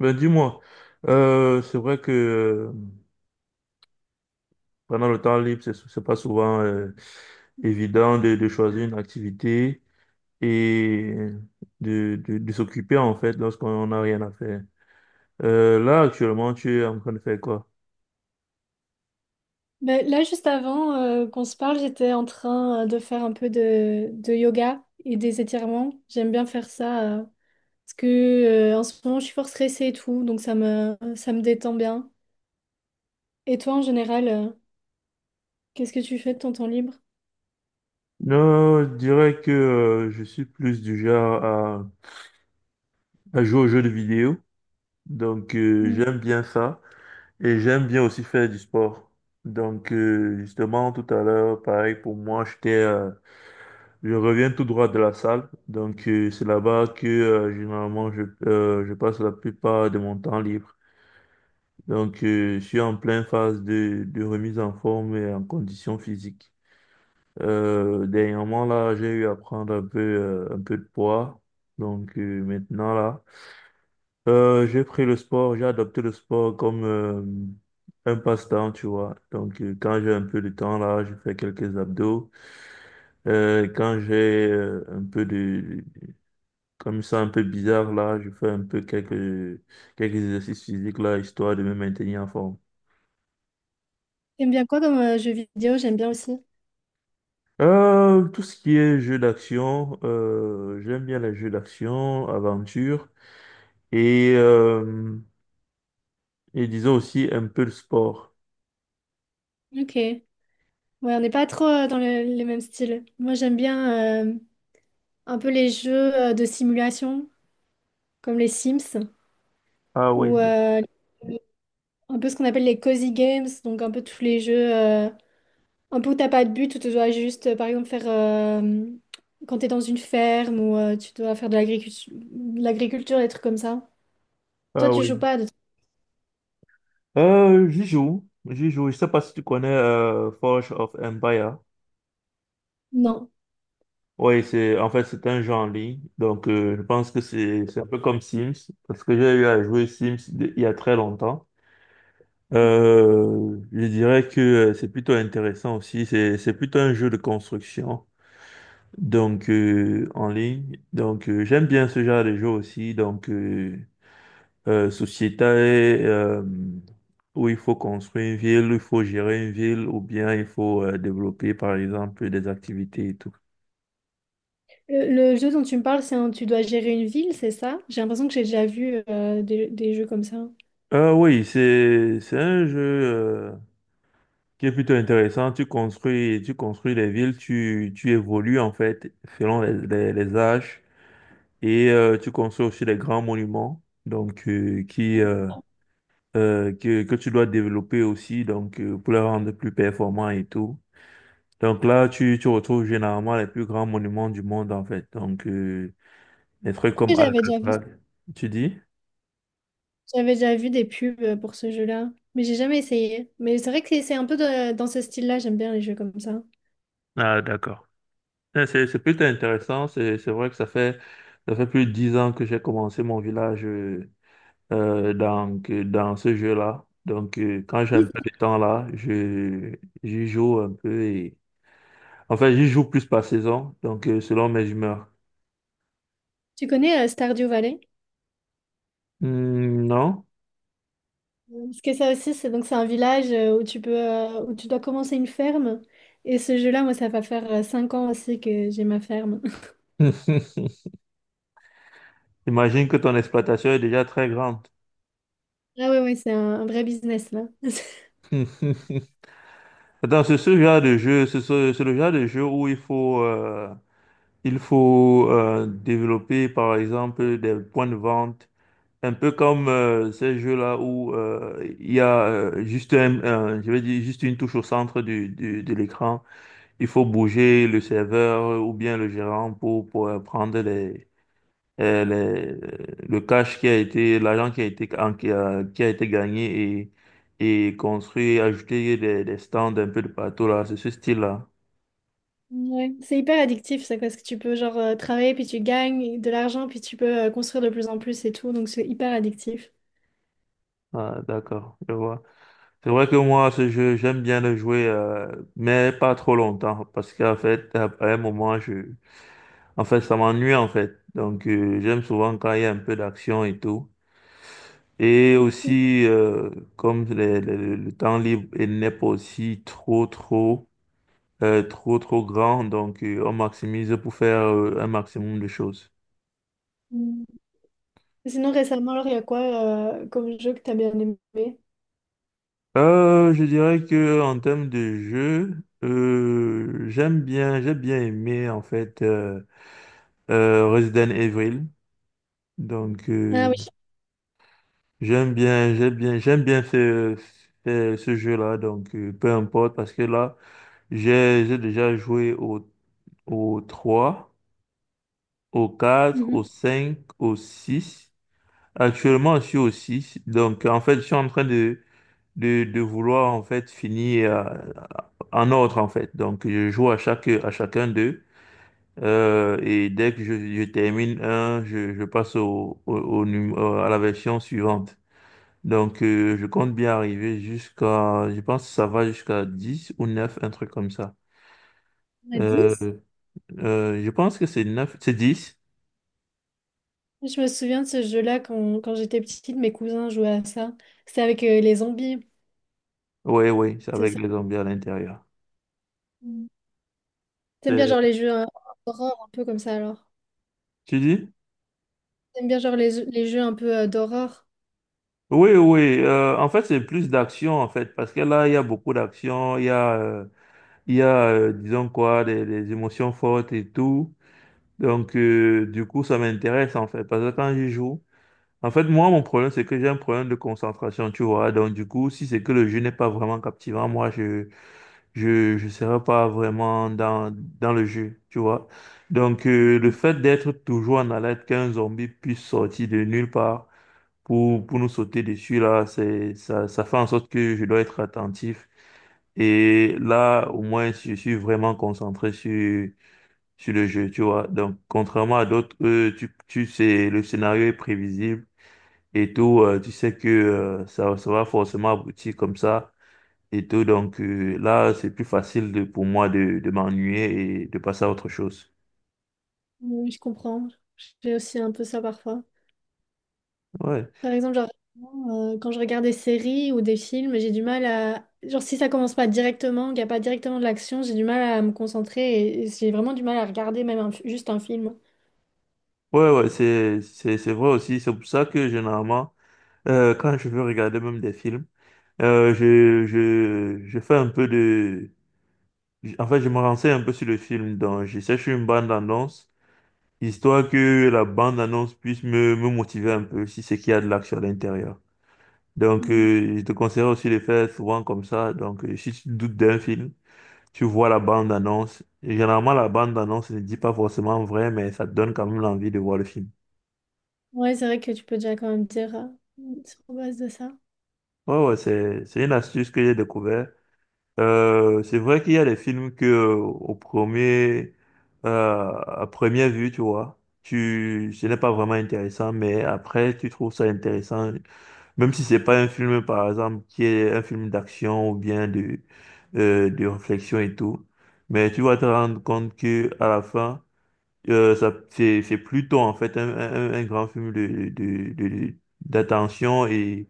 Ben dis-moi, c'est vrai que pendant le temps libre, c'est pas souvent évident de choisir une activité et de s'occuper en fait lorsqu'on n'a rien à faire. Là, actuellement, tu es en train de faire quoi? Ben, là, juste avant qu'on se parle, j'étais en train de faire un peu de yoga et des étirements. J'aime bien faire ça parce que en ce moment, je suis fort stressée et tout, donc ça me détend bien. Et toi, en général, qu'est-ce que tu fais de ton temps libre? Non, je dirais que je suis plus du genre à jouer aux jeux de vidéo. Donc, Mm. j'aime bien ça. Et j'aime bien aussi faire du sport. Donc, justement, tout à l'heure, pareil, pour moi, j'étais je reviens tout droit de la salle, donc c'est là-bas que généralement je passe la plupart de mon temps libre. Donc je suis en pleine phase de remise en forme et en condition physique. Dernièrement là, j'ai eu à prendre un peu de poids. Donc maintenant là, j'ai pris le sport, j'ai adopté le sport comme un passe-temps, tu vois. Donc quand j'ai un peu de temps là, je fais quelques abdos. Quand j'ai un peu de, Comme ça, un peu bizarre, là, je fais un peu quelques exercices physiques, là, histoire de me maintenir en forme. J'aime bien quoi comme jeu vidéo? J'aime bien aussi. Tout ce qui est jeux d'action, j'aime bien les jeux d'action, aventure, et, euh, et disons aussi un peu le sport. Ok. Ouais, on n'est pas trop dans les mêmes styles. Moi, j'aime bien un peu les jeux de simulation, comme les Sims, Ah oui, ou un peu ce qu'on appelle les cozy games, donc un peu tous les jeux. Un pot, t'as pas de but, où tu dois juste, par exemple, quand t'es dans une ferme ou tu dois faire de l'agriculture, des trucs comme ça. Toi, ah tu oui. joues pas à des trucs. J'y joue, j'y joue. Je sais pas si tu connais Forge of Empire. Non. Oui, c'est en fait c'est un jeu en ligne, donc je pense que c'est un peu comme Sims parce que j'ai eu à jouer Sims il y a très longtemps. Je dirais que c'est plutôt intéressant aussi. C'est plutôt un jeu de construction, donc en ligne. Donc j'aime bien ce genre de jeu aussi. Donc Société, où il faut construire une ville, il faut gérer une ville, ou bien il faut développer par exemple des activités et tout. Le, le jeu dont tu me parles, tu dois gérer une ville, c'est ça? J'ai l'impression que j'ai déjà vu des jeux comme ça. Oui, c'est un jeu qui est plutôt intéressant. Tu construis les villes, tu évolues en fait selon les âges. Et tu construis aussi des grands monuments, donc, que tu dois développer aussi, donc pour les rendre plus performants et tout. Donc là, tu retrouves généralement les plus grands monuments du monde en fait. Donc, des trucs Et comme J'avais déjà vu, Alcatraz. Tu dis? j'avais déjà vu des pubs pour ce jeu-là, mais j'ai jamais essayé. Mais c'est vrai que c'est un peu dans ce style-là, j'aime bien les jeux comme ça. Ah, d'accord. C'est plutôt intéressant. C'est vrai que ça fait plus de 10 ans que j'ai commencé mon village dans ce jeu-là. Donc, quand j'ai un peu de temps là, j'y joue un peu. En fait, j'y joue plus par saison, donc selon mes humeurs. Tu connais Stardew Valley? Hmm, non? Parce que ça aussi, c'est un village où où tu dois commencer une ferme. Et ce jeu-là, moi, ça va faire 5 ans aussi que j'ai ma ferme. Imagine que ton exploitation est déjà très grande. Ah ouais, ouais, c'est un vrai business là. Attends, c'est ce genre de jeu, c'est le genre de jeu où il faut développer, par exemple, des points de vente, un peu comme ces jeux-là où il y a juste je vais dire, juste une touche au centre de l'écran. Il faut bouger le serveur ou bien le gérant pour prendre le cash qui a été, l'argent qui a été, qui a été gagné et ajouter des stands un peu de partout là, c'est ce style-là. Ouais. C'est hyper addictif ça, parce que tu peux genre travailler, puis tu gagnes de l'argent, puis tu peux construire de plus en plus et tout. Donc c'est hyper addictif. Ah, d'accord, je vois. C'est vrai que moi, ce jeu, j'aime bien le jouer, mais pas trop longtemps, parce qu'en fait, à un moment, en fait, ça m'ennuie en fait. Donc, j'aime souvent quand il y a un peu d'action et tout. Et aussi, comme le temps libre il n'est pas aussi trop grand, donc on maximise pour faire un maximum de choses. Mm. Sinon, récemment, alors, il y a quoi comme jeu que t'as bien aimé? Je dirais que en termes de jeu, j'ai bien aimé en fait Resident Evil. Donc Ah oui. j'aime bien ce jeu-là. Donc peu importe parce que là, j'ai déjà joué au trois, au quatre, Mhm. au cinq, au six. Actuellement, je suis au six. Donc, en fait, je suis en train de vouloir en fait finir en ordre en fait. Donc je joue à chacun d'eux. Et dès que je termine un, je passe à la version suivante. Donc je compte bien arriver jusqu'à, je pense que ça va jusqu'à 10 ou neuf, un truc comme ça. On a Euh, 10? Je pense que c'est neuf, c'est 10. Je me souviens de ce jeu-là quand j'étais petite, mes cousins jouaient à ça. C'était avec les zombies. Oui, oui, c'est C'est avec ça. les zombies à l'intérieur. Mm. T'aimes bien C'est- genre les jeux d'horreur un peu comme ça alors? Tu dis? T'aimes bien genre les jeux un peu d'horreur? Oui, oui. En fait, c'est plus d'action, en fait, parce que là, il y a beaucoup d'action. Disons quoi, des émotions fortes et tout. Donc, du coup, ça m'intéresse en fait. Parce que quand je joue, en fait, moi, mon problème, c'est que j'ai un problème de concentration, tu vois. Donc, du coup, si c'est que le jeu n'est pas vraiment captivant, moi, je serai pas vraiment dans le jeu, tu vois. Donc, le fait d'être toujours en alerte qu'un zombie puisse sortir de nulle part pour nous sauter dessus, là, ça fait en sorte que je dois être attentif. Et là, au moins, je suis vraiment concentré sur le jeu, tu vois. Donc, contrairement à d'autres, eux, tu sais, le scénario est prévisible et tout. Tu sais que ça va forcément aboutir comme ça et tout. Donc, là, c'est plus facile pour moi de m'ennuyer et de passer à autre chose. Oui, je comprends. J'ai aussi un peu ça parfois. Ouais, Par exemple, genre quand je regarde des séries ou des films, j'ai du mal à... Genre si ça commence pas directement, qu'il n'y a pas directement de l'action, j'ai du mal à me concentrer et j'ai vraiment du mal à regarder même juste un film. ouais, ouais, c'est vrai aussi. C'est pour ça que généralement, quand je veux regarder même des films, je fais un peu de... En fait, je me renseigne un peu sur le film, donc je cherche une bande-annonce, histoire que la bande-annonce puisse me motiver un peu si c'est qu'il y a de l'action à l'intérieur. Donc, Mm. Je te conseille aussi de faire souvent comme ça. Donc, si tu doutes d'un film, tu vois la bande-annonce. Et généralement, la bande-annonce ne dit pas forcément vrai, mais ça te donne quand même l'envie de voir le film. Ouais, c'est vrai que tu peux déjà quand même dire sur base de ça. Ouais, ouais, c'est une astuce que j'ai découvert. C'est vrai qu'il y a des films que au premier euh, à première vue, tu vois, tu ce n'est pas vraiment intéressant, mais après tu trouves ça intéressant, même si c'est pas un film par exemple qui est un film d'action ou bien de réflexion et tout, mais tu vas te rendre compte que à la fin c'est plutôt en fait un grand film d'attention et,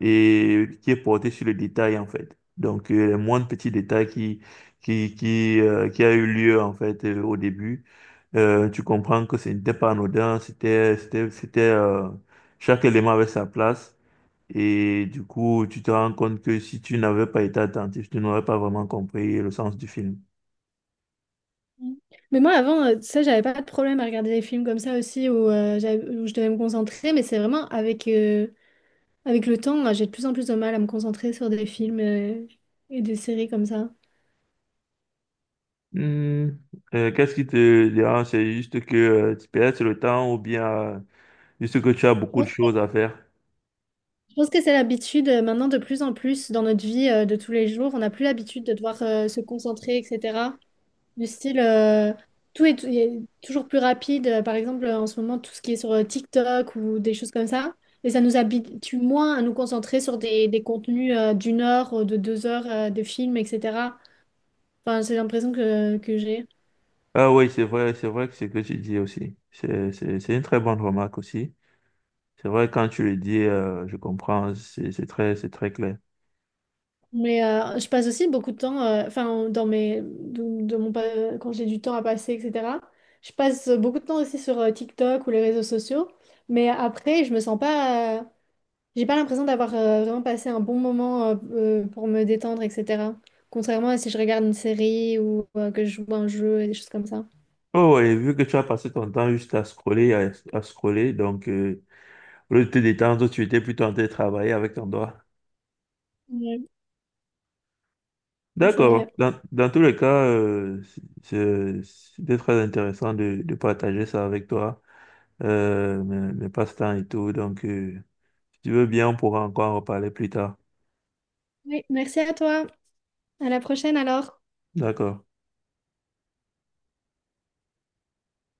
et qui est porté sur le détail en fait. Donc les moindres petits détails qui a eu lieu en fait au début, tu comprends que ce n'était pas anodin, chaque élément avait sa place. Et du coup, tu te rends compte que si tu n'avais pas été attentif, tu n'aurais pas vraiment compris le sens du film. Mm. Mais moi, avant, tu sais, j'avais pas de problème à regarder des films comme ça aussi où, où je devais me concentrer, mais c'est vraiment avec le temps, j'ai de plus en plus de mal à me concentrer sur des films, et des séries comme ça. Hmm, Qu'est-ce qui te dérange? C'est juste que tu perds le temps ou bien juste que tu as beaucoup Je de pense, choses à faire. je pense que c'est l'habitude maintenant de plus en plus dans notre vie, de tous les jours. On n'a plus l'habitude de devoir, se concentrer, etc. Du style, il est toujours plus rapide. Par exemple, en ce moment, tout ce qui est sur TikTok ou des choses comme ça. Et ça nous habitue moins à nous concentrer sur des contenus d'1 heure, de 2 heures, de films, etc. Enfin, c'est l'impression que j'ai. Ah oui, c'est vrai que c'est ce que tu dis aussi. C'est une très bonne remarque aussi. C'est vrai, quand tu le dis, je comprends, c'est très clair. Mais je passe aussi beaucoup de temps, enfin, dans mes, de mon, pa- quand j'ai du temps à passer, etc. Je passe beaucoup de temps aussi sur TikTok ou les réseaux sociaux. Mais après, je me sens pas. J'ai pas l'impression d'avoir vraiment passé un bon moment pour me détendre, etc. Contrairement à si je regarde une série ou que je joue à un jeu et des choses comme ça. Oh oui, vu que tu as passé ton temps juste à scroller, à scroller, donc au lieu de te détendre, tu étais plutôt en train de travailler avec ton doigt. Ouais, c'est D'accord. vrai. Dans tous les cas, c'était très intéressant de partager ça avec toi. Mes passe-temps et tout. Donc, si tu veux bien, on pourra encore en reparler plus tard. Oui, merci à toi. À la prochaine alors. D'accord.